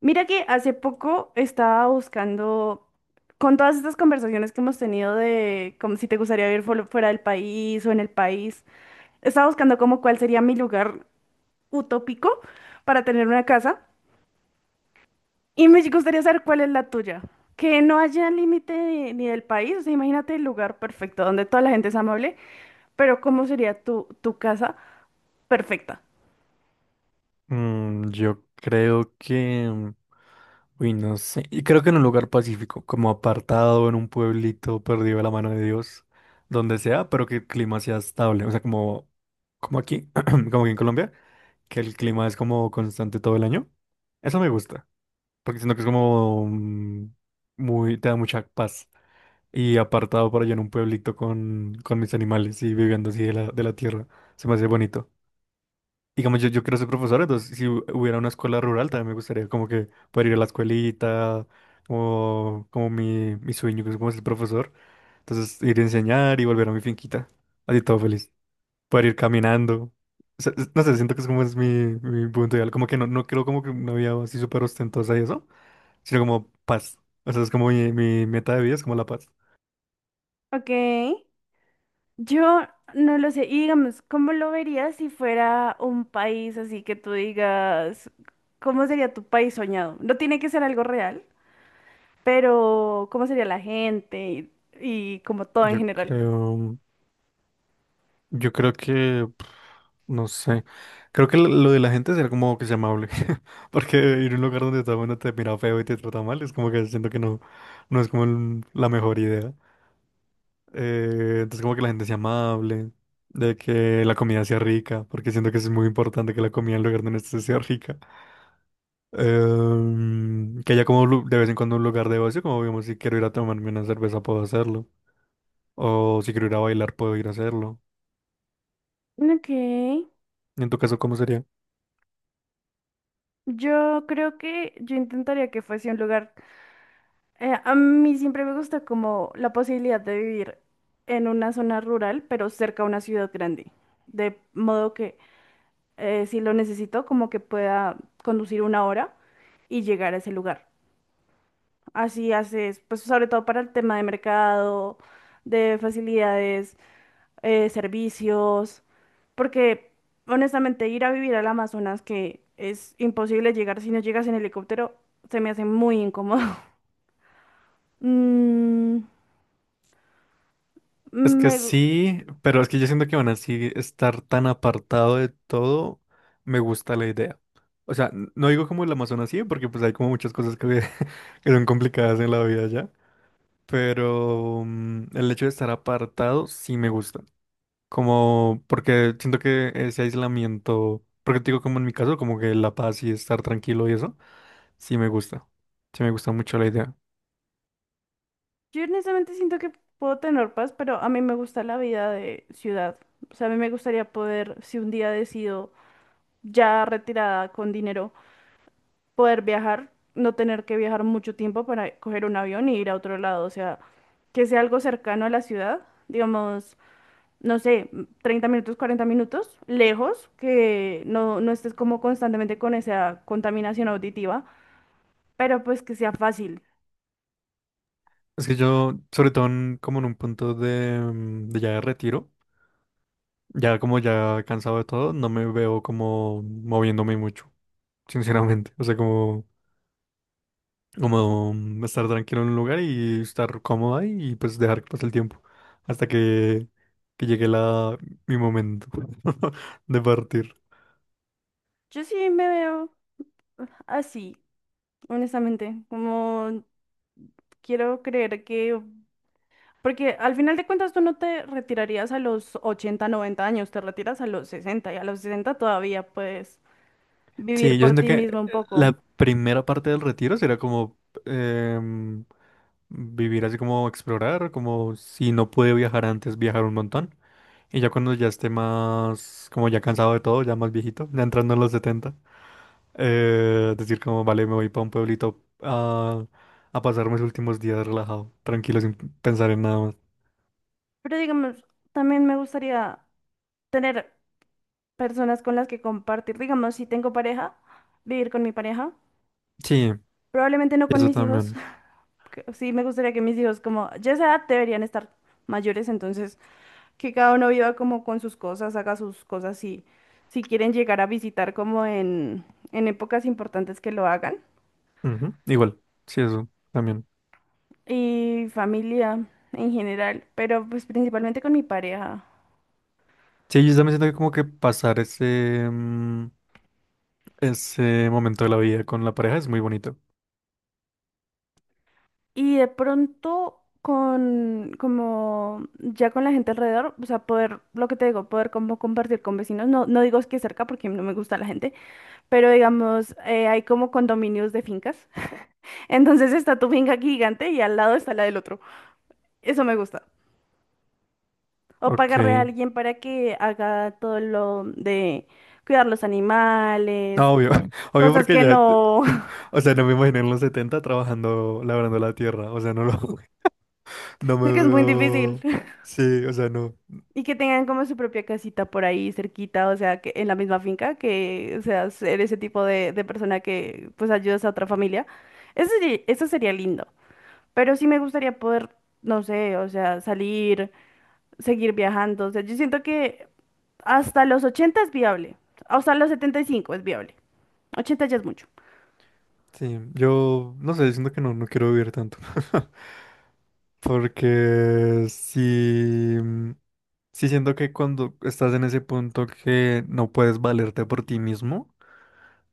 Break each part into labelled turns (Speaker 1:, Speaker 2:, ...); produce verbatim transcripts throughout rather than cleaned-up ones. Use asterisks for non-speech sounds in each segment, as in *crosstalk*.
Speaker 1: Mira que hace poco estaba buscando, con todas estas conversaciones que hemos tenido de como si te gustaría vivir fuera fuera del país o en el país, estaba buscando como cuál sería mi lugar utópico para tener una casa y me gustaría saber cuál es la tuya. Que no haya límite de- ni del país, o sea, imagínate el lugar perfecto donde toda la gente es amable, pero ¿cómo sería tu, tu casa perfecta?
Speaker 2: Mm, yo creo que, mm, uy, no sé, y creo que en un lugar pacífico, como apartado en un pueblito perdido de la mano de Dios, donde sea, pero que el clima sea estable, o sea, como, como aquí, *clears throat* como aquí en Colombia, que el clima es como constante todo el año. Eso me gusta, porque siento que es como mm, muy, te da mucha paz. Y apartado por allá en un pueblito con, con mis animales y viviendo así de la, de la tierra, se me hace bonito. Digamos, yo, yo quiero ser profesor, entonces si hu- hubiera una escuela rural también me gustaría como que poder ir a la escuelita, o como mi, mi sueño que es como ser profesor. Entonces ir a enseñar y volver a mi finquita, así todo feliz. Poder ir caminando. O sea, es- no sé, siento que es como es mi, mi punto ideal, como que no, no quiero como que una vida así súper ostentosa y eso, sino como paz. O sea, es como mi, mi meta de vida, es como la paz.
Speaker 1: Ok. Yo no lo sé. Y digamos, ¿cómo lo verías si fuera un país así que tú digas, cómo sería tu país soñado? No tiene que ser algo real, pero ¿cómo sería la gente y, y como todo en
Speaker 2: Yo
Speaker 1: general?
Speaker 2: creo, yo creo que no sé. Creo que lo lo de la gente será como que sea amable. *laughs* Porque ir a un lugar donde todo el mundo te mira feo y te trata mal es como que siento que no, no es como el- la mejor idea. Eh, entonces como que la gente sea amable, de que la comida sea rica, porque siento que eso es muy importante que la comida en el lugar donde estés sea rica. Em, que haya como lu- de vez en cuando un lugar de ocio, como digamos, si quiero ir a tomarme una cerveza puedo hacerlo. O si quiero ir a bailar puedo ir a hacerlo.
Speaker 1: Ok.
Speaker 2: ¿Y en tu caso cómo sería?
Speaker 1: Yo creo que yo intentaría que fuese un lugar. Eh, a mí siempre me gusta como la posibilidad de vivir en una zona rural, pero cerca a una ciudad grande. De modo que, eh, si lo necesito, como que pueda conducir una hora y llegar a ese lugar. Así haces, pues sobre todo para el tema de mercado, de facilidades, eh, servicios, porque honestamente ir a vivir al Amazonas, que es imposible llegar si no llegas en helicóptero, se me hace muy incómodo. *laughs* Mm,
Speaker 2: Es que
Speaker 1: me gu-
Speaker 2: sí, pero es que yo siento que van así estar tan apartado de todo, me gusta la idea. O sea, n- no digo como el Amazonas sí, porque pues hay como muchas cosas que, *laughs* que son complicadas en la vida ya, pero mm, el hecho de estar apartado sí me gusta. Como porque siento que ese aislamiento, porque te digo como en mi caso, como que la paz y estar tranquilo y eso, sí me gusta. Sí me gusta mucho la idea.
Speaker 1: yo honestamente siento que puedo tener paz, pero a mí me gusta la vida de ciudad. O sea, a mí me gustaría poder, si un día decido ya retirada con dinero, poder viajar, no tener que viajar mucho tiempo para coger un avión y ir a otro lado, o sea, que sea algo cercano a la ciudad, digamos, no sé, m- treinta minutos, cuarenta minutos, lejos, que no, no estés como constantemente con esa contaminación auditiva, pero pues que sea fácil.
Speaker 2: Es que yo, sobre todo en- como en un punto de, mm, de ya de retiro. Ya como ya cansado de todo, no me veo como moviéndome mucho, sinceramente. O sea, como, como mm, estar tranquilo en un lugar y estar cómodo ahí y pues dejar que pase el tiempo hasta que, que llegue la, mi momento *laughs* de partir.
Speaker 1: Yo sí me veo así, honestamente, como quiero creer que. Porque al final de cuentas tú no te retirarías a los ochenta noventa años, te retiras a los sesenta y a los sesenta todavía puedes vivir
Speaker 2: Sí, yo
Speaker 1: por
Speaker 2: siento
Speaker 1: ti
Speaker 2: que
Speaker 1: mismo un poco.
Speaker 2: la primera parte del retiro será como em, vivir así como explorar, como si no pude viajar antes, viajar un montón. Y ya cuando ya esté más, como ya cansado de todo, ya más viejito, ya entrando en los setenta. Eh, decir como, vale, me voy para un pueblito a, a pasar mis últimos días relajado, tranquilo, sin pensar en nada más.
Speaker 1: Pero digamos, también me gustaría tener personas con las que compartir. Digamos, si tengo pareja, vivir con mi pareja.
Speaker 2: Sí,
Speaker 1: Probablemente no con
Speaker 2: eso
Speaker 1: mis hijos.
Speaker 2: también.
Speaker 1: *laughs* que Sí, me gustaría que mis hijos como ya a esa edad deberían estar mayores, entonces que cada uno viva como con sus cosas, haga sus cosas y si quieren llegar a visitar como en, en épocas importantes que lo hagan,
Speaker 2: Ujú, igual, sí, eso también.
Speaker 1: y familia en general, pero pues principalmente con mi pareja.
Speaker 2: Sí, yo también siento que como que pasar ese, mm, ese momento de la vida con la pareja es muy bonito.
Speaker 1: Y de pronto con, como ya con la gente alrededor, o sea, poder, lo que te digo, poder como compartir con vecinos, no, no digo es que cerca porque no me gusta la gente, pero digamos, eh, hay como condominios de fincas, *laughs* entonces está tu finca gigante y al lado está la del otro, eso me gusta. O
Speaker 2: Ok,
Speaker 1: pagarle a alguien para que haga todo lo de cuidar los animales,
Speaker 2: no, obvio, *laughs* obvio
Speaker 1: cosas
Speaker 2: porque
Speaker 1: que
Speaker 2: ya,
Speaker 1: no,
Speaker 2: *laughs* o sea, no me imagino en los setenta trabajando, labrando la tierra, o sea, no lo, *laughs* no
Speaker 1: *laughs* sé
Speaker 2: me
Speaker 1: que es muy difícil.
Speaker 2: veo, sí, o sea, no.
Speaker 1: Y que tengan como su propia casita por ahí cerquita, o sea, que en la misma finca, que, o sea, ser ese tipo de, de persona que pues ayudas a otra familia. Eso sería, eso sería lindo. Pero sí me gustaría poder, no sé, o sea, salir, seguir viajando. O sea, yo siento que hasta los ochenta es viable. Hasta los setenta y cinco es viable. Ochenta ya es mucho.
Speaker 2: Sí, yo no sé, siento que no, no quiero vivir tanto. *laughs* Porque sí, mm, sí siento que cuando estás en ese punto que no puedes valerte por ti mismo,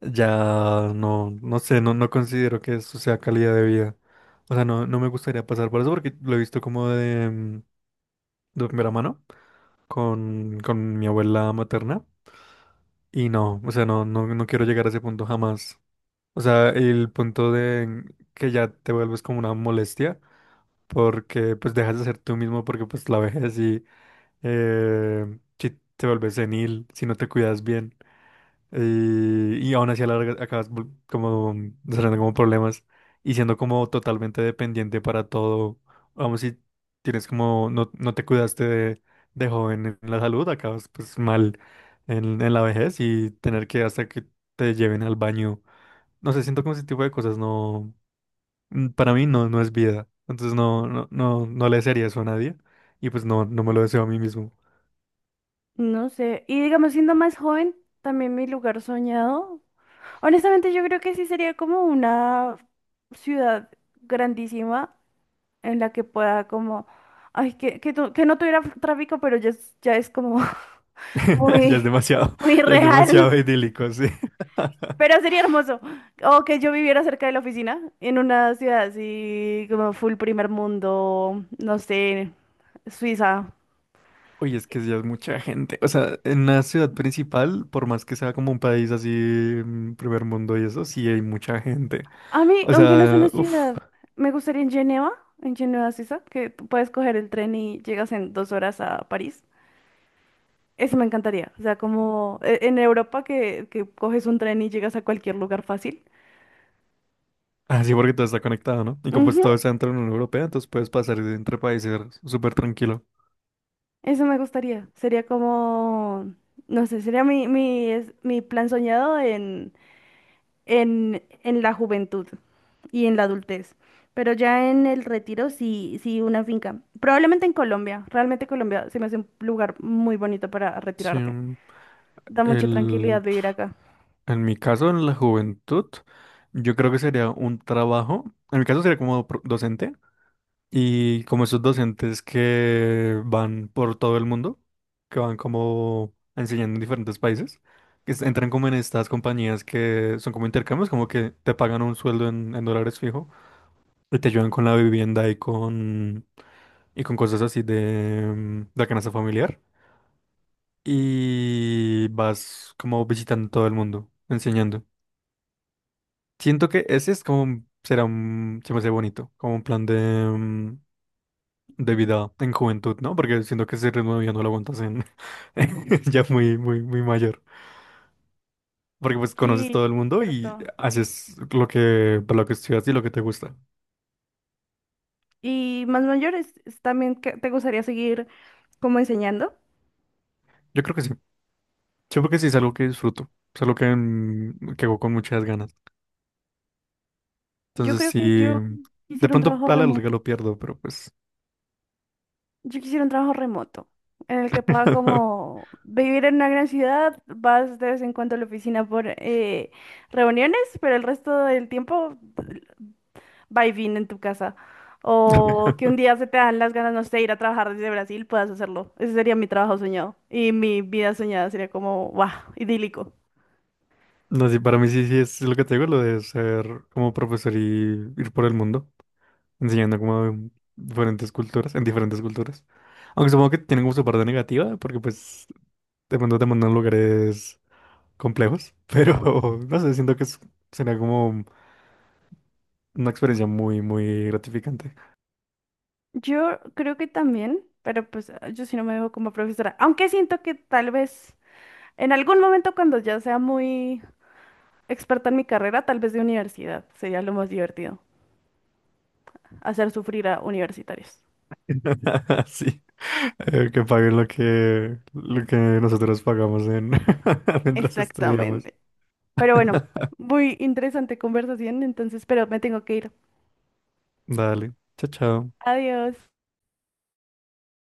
Speaker 2: ya no, no sé, no, no considero que eso sea calidad de vida. O sea, no, no me gustaría pasar por eso porque lo he visto como de, mm, de primera mano con, con mi abuela materna. Y no, o sea, no, no, no quiero llegar a ese punto jamás. O sea, el punto de que ya te vuelves como una molestia, porque pues dejas de ser tú mismo, porque pues la vejez y eh, si te vuelves senil, si no te cuidas bien, y, y aún así a la larga acabas vol- como desarrollando como problemas y siendo como totalmente dependiente para todo, vamos, si tienes como, no, no te cuidaste de, de joven en la salud, acabas pues mal en, en la vejez y tener que hasta que te lleven al baño, no sé, siento como ese tipo de cosas, no, mm, para mí no, no es vida. Entonces no, no, no, no le desearía eso a nadie. Y pues no, no me lo deseo a mí mismo.
Speaker 1: No sé. Y digamos, siendo más joven, también mi lugar soñado. Honestamente, yo creo que sí sería como una ciudad grandísima en la que pueda como, ay, que, que, tu- que no tuviera tráfico, pero ya es, ya es como *laughs*
Speaker 2: *laughs* Ya es
Speaker 1: muy,
Speaker 2: demasiado,
Speaker 1: muy
Speaker 2: ya es
Speaker 1: real.
Speaker 2: demasiado idílico, sí.
Speaker 1: Pero
Speaker 2: *laughs*
Speaker 1: sería hermoso. O que yo viviera cerca de la oficina, en una ciudad así como full primer mundo, no sé, Suiza.
Speaker 2: Oye, es que ya es mucha gente. O sea, en una ciudad principal, por más que sea como un país así, mm, primer mundo y eso, sí hay mucha gente.
Speaker 1: A mí,
Speaker 2: O
Speaker 1: aunque no es una
Speaker 2: sea, uff,
Speaker 1: ciudad, me gustaría en Geneva, en Geneva, Suiza, que tú puedes coger el tren y llegas en dos horas a París. Eso me encantaría. O sea, como, eh, en Europa que, que coges un tren y llegas a cualquier lugar fácil.
Speaker 2: así porque todo está conectado, ¿no? Y como pues
Speaker 1: Ujú.
Speaker 2: todo está dentro de la Unión Europea, entonces puedes pasar de entre países súper tranquilo.
Speaker 1: Eso me gustaría. Sería como, no sé, sería mi, mi, es- mi plan soñado en, en, en la juventud y en la adultez. Pero ya en el retiro sí, sí una finca. Probablemente en Colombia. Realmente Colombia se me hace un lugar muy bonito para
Speaker 2: Sí,
Speaker 1: retirarte.
Speaker 2: mm,
Speaker 1: Da mucha
Speaker 2: el,
Speaker 1: tranquilidad vivir acá.
Speaker 2: en mi caso, en la juventud. Yo creo que sería un trabajo, en mi caso sería como pro- docente, y como esos docentes que van por todo el mundo, que van como enseñando en diferentes países, que es- entran como en estas compañías que son como intercambios, como que te pagan un sueldo en, en dólares fijo y te ayudan con la vivienda y con, y con cosas así de, mm, de la canasta familiar, y vas como visitando todo el mundo, enseñando. Siento que ese es como, un- será un, se me hace bonito, como un plan de, mm, de vida en juventud, ¿no? Porque siento que ese ritmo ya no lo aguantas en, *laughs* ya muy, muy, muy mayor. Porque pues conoces
Speaker 1: Sí,
Speaker 2: todo el
Speaker 1: es
Speaker 2: mundo y
Speaker 1: cierto.
Speaker 2: haces lo que, para lo que estudias y lo que te gusta.
Speaker 1: Y más mayores, es también que te gustaría seguir como enseñando.
Speaker 2: Yo creo que sí. Yo creo que sí es algo que disfruto. Es algo que, mm, que hago con muchas ganas.
Speaker 1: Yo
Speaker 2: Entonces
Speaker 1: creo que
Speaker 2: sí,
Speaker 1: yo
Speaker 2: de
Speaker 1: quisiera un
Speaker 2: pronto
Speaker 1: trabajo
Speaker 2: a la larga
Speaker 1: remoto.
Speaker 2: lo pierdo, pero pues.
Speaker 1: Yo quisiera un trabajo remoto en el que pueda
Speaker 2: *laughs*
Speaker 1: como vivir en una gran ciudad, vas de vez en cuando a la oficina por, eh, reuniones, pero el resto del tiempo va y viene en tu casa. O que un día se te dan las ganas, no sé, ir a trabajar desde Brasil, puedas hacerlo. Ese sería mi trabajo soñado. Y mi vida soñada sería como, wow, idílico.
Speaker 2: No, sí, para mí sí, sí es lo que te digo, lo de ser como profesor y ir por el mundo, enseñando como diferentes culturas, en diferentes culturas. Aunque supongo que tienen como su parte negativa, porque pues de pronto te mandan a lugares complejos, pero *laughs* no sé, siento que es- sería como una experiencia muy, muy gratificante.
Speaker 1: Yo creo que también, pero pues ah, yo sí no me veo como profesora, aunque siento que tal vez en algún momento cuando ya sea muy experta en mi carrera, tal vez de universidad, sería lo más divertido, hacer sufrir a universitarios.
Speaker 2: *laughs* Sí, eh, que paguen lo que, lo que nosotros pagamos en *laughs* mientras estudiamos.
Speaker 1: Exactamente. Pero bueno,
Speaker 2: *laughs*
Speaker 1: muy interesante conversación, entonces, pero me tengo que ir.
Speaker 2: Dale, chao, chao.
Speaker 1: Adiós.